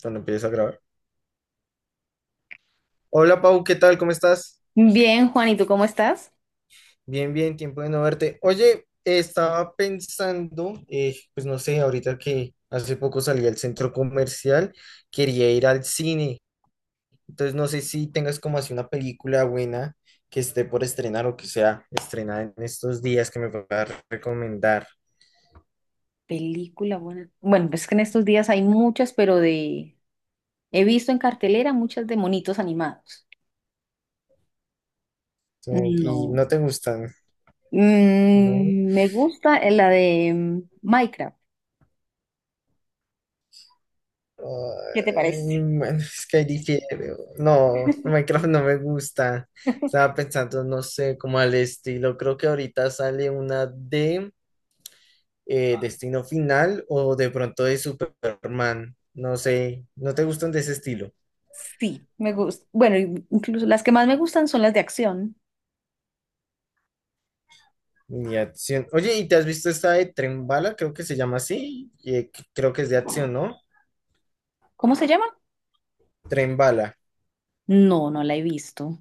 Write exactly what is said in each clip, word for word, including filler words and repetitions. Cuando empieces a grabar. Hola Pau, ¿qué tal? ¿Cómo estás? Bien, Juan, ¿y tú cómo estás? Bien, bien, tiempo de no verte. Oye, estaba pensando, eh, pues no sé, ahorita que hace poco salí al centro comercial, quería ir al cine. Entonces no sé si tengas como así una película buena que esté por estrenar o que sea estrenada en estos días que me puedas recomendar. Película buena. Bueno, pues es que en estos días hay muchas, pero de... He visto en cartelera muchas de monitos animados. So, y no No. te gustan, ¿no? Mm, me gusta eh, la de mm, Minecraft. ¿Qué te parece? Ay, bueno, es que ahí dije, no, Minecraft no me gusta. Estaba pensando, no sé, como al estilo. Creo que ahorita sale una de eh, Destino Final o de pronto de Superman. No sé, no te gustan de ese estilo. Sí, me gusta. Bueno, y- incluso las que más me gustan son las de acción. Ni acción. Oye, ¿y te has visto esta de Tren Bala? Creo que se llama así. Y, eh, creo que es de acción, ¿no? ¿Cómo se llama? Tren Bala. No, no la he visto.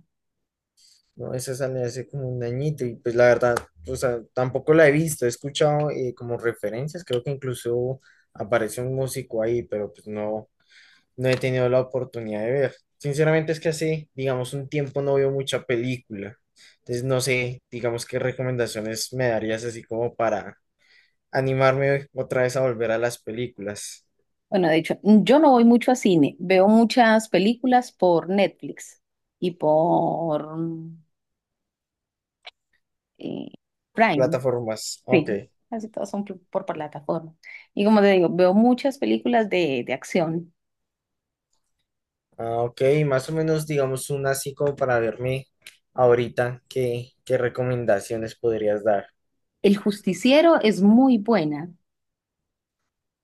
No, esa salió hace como un añito y pues la verdad, o sea, tampoco la he visto, he escuchado eh, como referencias, creo que incluso aparece un músico ahí, pero pues no, no he tenido la oportunidad de ver. Sinceramente es que hace, digamos, un tiempo no veo mucha película, entonces no sé, digamos, qué recomendaciones me darías así como para animarme otra vez a volver a las películas, Bueno, de hecho, mm, yo no voy mucho a cine. Veo muchas películas por Netflix y por mm, eh, Prime. plataformas, ok. Sí, casi todas son pl- por, plataforma. Y como te digo, veo muchas películas de, de acción. Ah, ok, más o menos, digamos, una así como para verme ahorita, ¿qué, ¿qué recomendaciones podrías dar? El Justiciero es muy buena.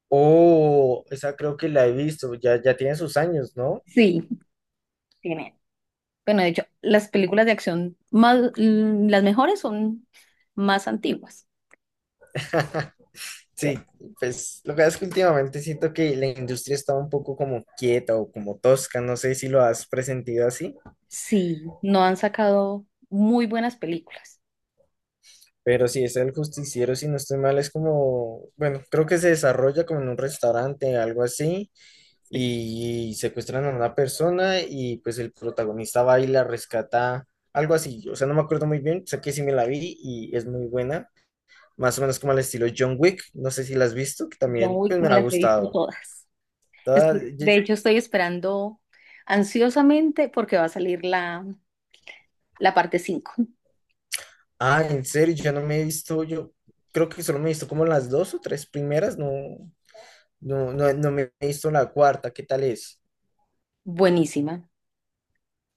Oh, esa creo que la he visto, ya, ya tiene sus años, ¿no? Sí, tiene. Bueno, de hecho, las películas de acción más, mm, las mejores son más antiguas. Creo. Sí, pues lo que pasa es que últimamente siento que la industria está un poco como quieta o como tosca, no sé si lo has presentido así, Sí, no han sacado muy buenas películas. pero sí, es el justiciero, si no estoy mal, es como, bueno, creo que se desarrolla como en un restaurante, algo así, Sí. y secuestran a una persona y pues el protagonista va y la rescata, algo así, o sea, no me acuerdo muy bien, sé que sí me la vi y es muy buena, más o menos como al estilo John Wick, no sé si la has visto, que John también pues, Wick me me ha las he visto gustado. todas. Toda- Estoy- de ye- hecho, estoy esperando ansiosamente porque va a salir la, la parte cinco. Ah, en serio, yo no me he visto, yo creo que solo me he visto como las dos o tres primeras, no, no, no, no me he visto la cuarta, ¿qué tal es? Buenísima.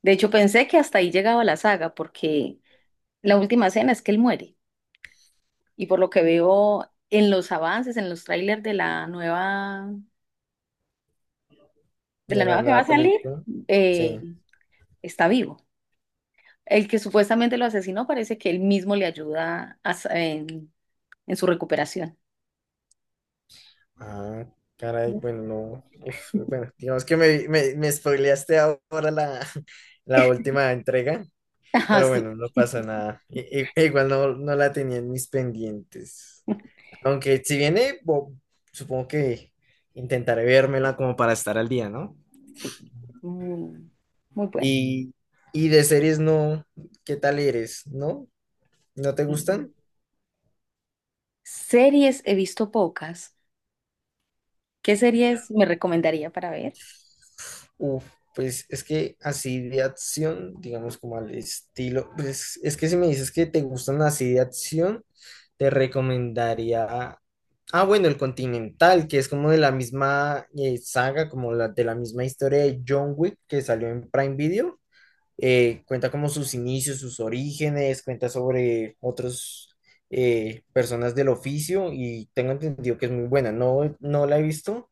De hecho, pensé que hasta ahí llegaba la saga, porque la última escena es que él muere. Y por lo que veo en los avances, en los trailers de la nueva, de De la la nueva que va a nueva salir, película, eh, sí. está vivo. El que supuestamente lo asesinó parece que él mismo le ayuda a sa- en, en su recuperación. Ah, caray, bueno, no. Uf, bueno, digamos que me, me, me spoileaste ahora la, la última entrega, Ajá, pero sí, bueno, no pasa nada. I- i- igual no, no la tenía en mis pendientes. Aunque si viene, bo- supongo que intentaré vérmela como para estar al día, ¿no? sí, muy, muy buena. Y, y de series no, ¿qué tal eres? ¿No? ¿No te gustan? Series he visto pocas. ¿Qué series me recomendaría para ver? Uf, pues es que así de acción, digamos como al estilo, pues es que si me dices que te gustan así de acción, te recomendaría, ah bueno, el Continental, que es como de la misma eh, saga, como la, de la misma historia de John Wick que salió en Prime Video. Eh, cuenta como sus inicios, sus orígenes, cuenta sobre otros eh, personas del oficio y tengo entendido que es muy buena, no, no la he visto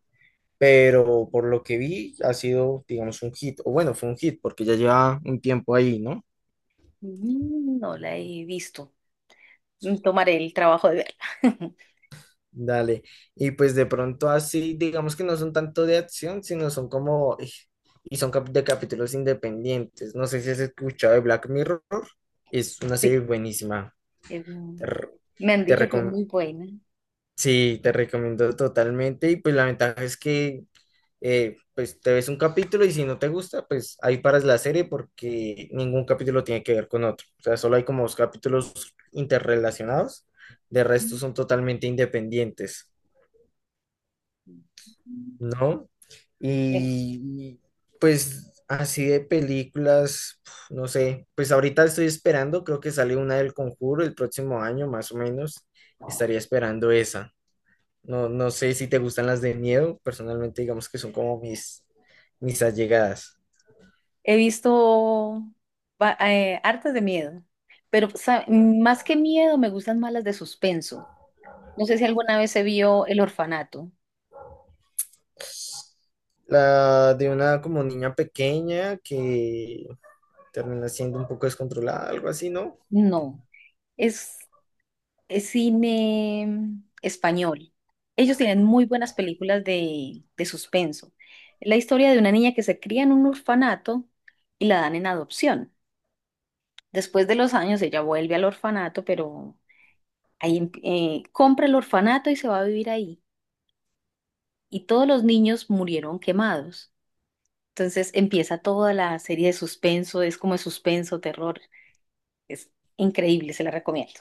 pero por lo que vi ha sido, digamos, un hit, o bueno, fue un hit porque ya lleva un tiempo ahí, ¿no? Mm, No la he visto. Mm, Tomaré el trabajo de verla. Dale, y pues de pronto así, digamos que no son tanto de acción, sino son como, ej, y son cap- de capítulos independientes, no sé si has escuchado de Black Mirror, es una serie Sí, buenísima, es muy- te, re- me han te dicho que es recom- muy buena. sí, te recomiendo totalmente, y pues la ventaja es que eh, pues te ves un capítulo y si no te gusta, pues ahí paras la serie porque ningún capítulo tiene que ver con otro. O sea, solo hay como dos capítulos interrelacionados, de resto Mm, son totalmente independientes, ¿no? bueno. Y pues así de películas, pf, no sé, pues ahorita estoy esperando, creo que sale una del Conjuro el próximo año, más o menos, estaría esperando esa. No, no sé si te gustan las de miedo, personalmente digamos que son como mis, mis allegadas. He visto va- eh, hartas de miedo, pero sa- mm, más que miedo me gustan más las de suspenso. No sé si alguna vez se vio El Orfanato. La de una como niña pequeña que termina siendo un poco descontrolada, algo así, ¿no? No. Es eh, cine español. Ellos tienen muy buenas películas de, de suspenso. La historia de una niña que se cría en un orfanato y la dan en adopción. Después de los años ella vuelve al orfanato, pero ahí em- eh, compra el orfanato y se va a vivir ahí. Y todos los niños murieron quemados. Entonces empieza toda la serie de suspenso, es como de suspenso, terror. Es increíble, se la recomiendo.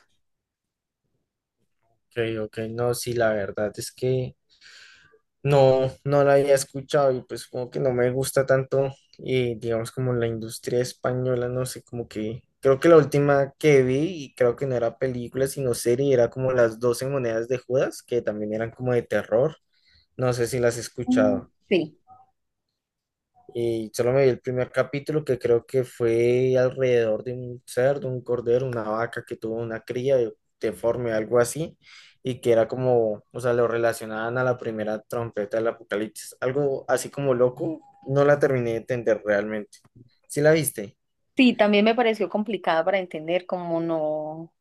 Ok, ok, no, sí, la verdad es que no, no la había escuchado y pues como que no me gusta tanto, eh, digamos como la industria española, no sé, como que creo que la última que vi y creo que no era película sino serie, era como las doce monedas de Judas, que también eran como de terror, no sé si las has Mm. escuchado. Sí, Y solo me vi el primer capítulo que creo que fue alrededor de un cerdo, un cordero, una vaca que tuvo una cría de- deforme, algo así, y que era como, o sea, lo relacionaban a la primera trompeta del apocalipsis, algo así como loco, no la terminé de entender realmente. ¿Sí la viste? sí, también me pareció complicada para entender, como no,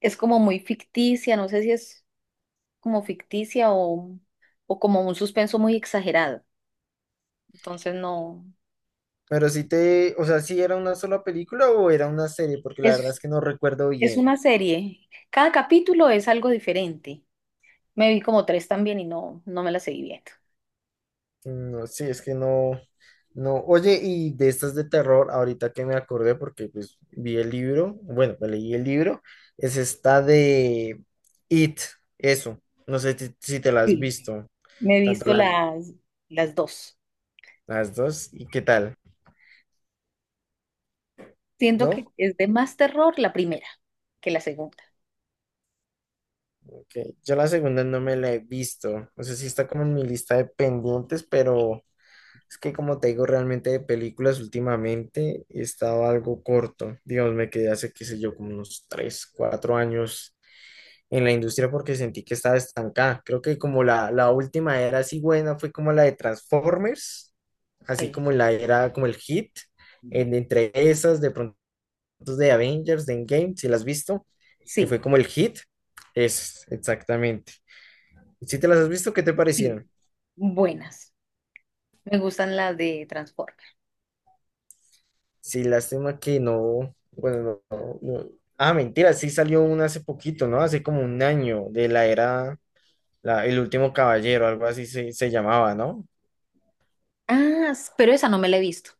es como muy ficticia, no sé si es como ficticia o, o como un suspenso muy exagerado. Entonces no, Pero sí te, o sea, ¿sí era una sola película o era una serie? Porque la verdad es es, que no recuerdo es bien. una serie. Cada capítulo es algo diferente. Me vi como tres también y no, no me las seguí viendo. No, sí, es que no, no. Oye, y de estas de terror, ahorita que me acordé, porque pues vi el libro, bueno, me leí el libro, es esta de It, eso. No sé ti- si te la has Sí. visto, Me he tanto visto la- las, las dos. las dos, ¿y qué tal? Siento que ¿No? es de más terror la primera que la segunda. Ok, yo la segunda no me la he visto. No sé si está como en mi lista de pendientes, pero es que como te digo, realmente de películas últimamente he estado algo corto. Digamos, me quedé hace, qué sé yo, como unos tres cuatro años en la industria porque sentí que estaba estancada. Creo que como la, la última era así buena fue como la de Transformers, así Sí. como la era como el hit, Mm. en- entre esas de pronto de Avengers, de Endgame, si las has visto, que fue Sí, como el hit, es exactamente. Si te las has visto, ¿qué te parecieron? sí. Buenas. Me gustan las de Transformers. Sí, lástima que no, bueno, no, no- no. Ah, mentira, sí salió una hace poquito, ¿no? Hace como un año de la era, la- El Último Caballero, algo así se, se llamaba, ¿no? Ah, s- pero esa no me la he visto.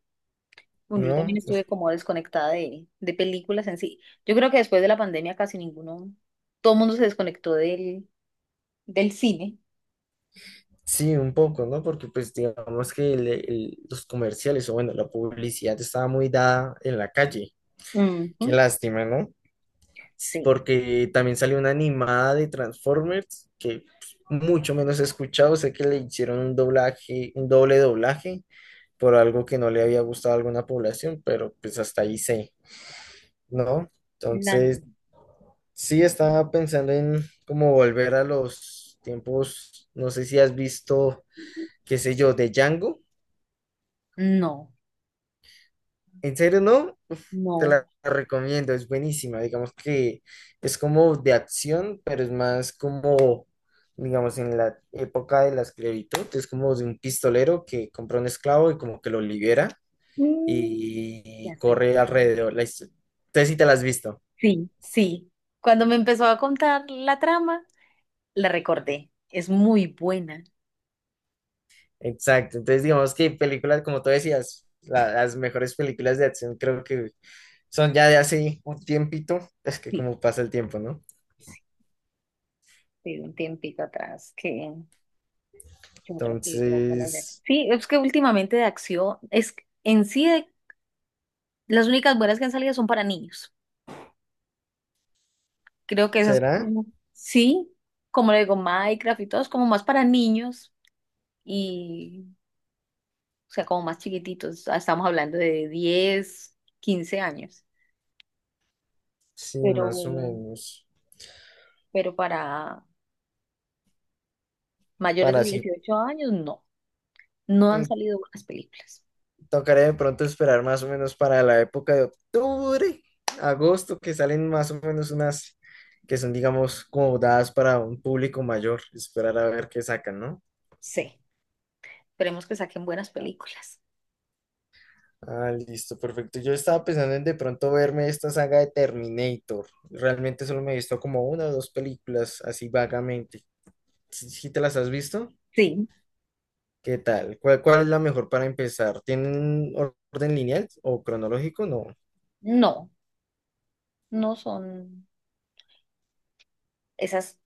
Bueno, yo también ¿No? estuve como desconectada de, de películas en sí. Yo creo que después de la pandemia casi ninguno, todo el mundo se desconectó del, del cine. Sí, un poco, ¿no? Porque pues digamos que el- el- los comerciales o bueno, la publicidad estaba muy dada en la calle. Ujú. Qué lástima, ¿no? S- Sí. porque también salió una animada de Transformers que pues, mucho menos he escuchado. Sé que le hicieron un doblaje, un doble doblaje por algo que no le había gustado a alguna población, pero pues hasta ahí sé, ¿no? La- Entonces, sí estaba pensando en cómo volver a los tiempos, no sé si has visto, qué sé yo, de Django. no, ¿En serio no? Uf, te la no. recomiendo, es buenísima. Digamos que es como de acción, pero es más como, digamos, en la época de la esclavitud, es como de un pistolero que compra un esclavo y como que lo libera Mm, y ya sé. corre alrededor. La histo- Entonces si te la has visto. Sí, sí. Cuando me empezó a contar la trama, la recordé. Es muy buena. Exacto. Entonces digamos que películas, como tú decías, la- las mejores películas de acción creo que son ya de hace un tiempito. Es que Sí, como pasa el tiempo, ¿no? sí. Sí, un tiempito atrás que, que otras películas buenas de- Entonces, sí, es que últimamente de acción, es que en sí de- las únicas buenas que han salido son para niños. Creo que esas ¿será? como, sí, como le digo, Minecraft y todo es como más para niños y, o sea, como más chiquititos. Estamos hablando de diez, quince años. Sí, Pero más o menos. pero para mayores Para de así, dieciocho años no, no han mm, salido buenas películas. tocaría de pronto esperar más o menos para la época de octubre, agosto, que salen más o menos unas que son, digamos, como dadas para un público mayor. Esperar a ver qué sacan, ¿no? Sí, esperemos que saquen buenas películas. Ah, listo, perfecto. Yo estaba pensando en de pronto verme esta saga de Terminator. Realmente solo me he visto como una o dos películas, así vagamente. ¿Sí sí te las has visto? Sí, ¿Qué tal? ¿Cuál, ¿cuál es la mejor para empezar? ¿Tienen orden lineal o cronológico? No. no, no son esas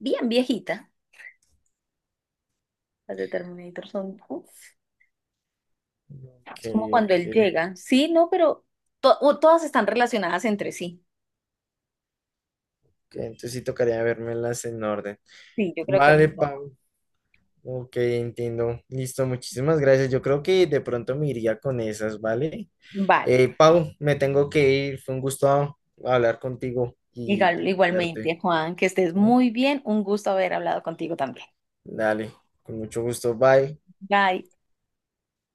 bien viejitas, las de Terminator son, uf, Ok. es como cuando Ok. él llega. Sí, no, pero to- o todas están relacionadas entre sí. Entonces sí tocaría vermelas en orden. Sí, yo creo que es Vale, mejor. Pau. Ok, entiendo. Listo, muchísimas gracias. Yo creo que de pronto me iría con esas, ¿vale? Vale. Eh, Pau, me tengo que ir. Fue un gusto hablar contigo y Igual- verte, igualmente, Juan, que estés ¿no? muy bien. Un gusto haber hablado contigo también. Dale, con mucho gusto. Bye. Bye.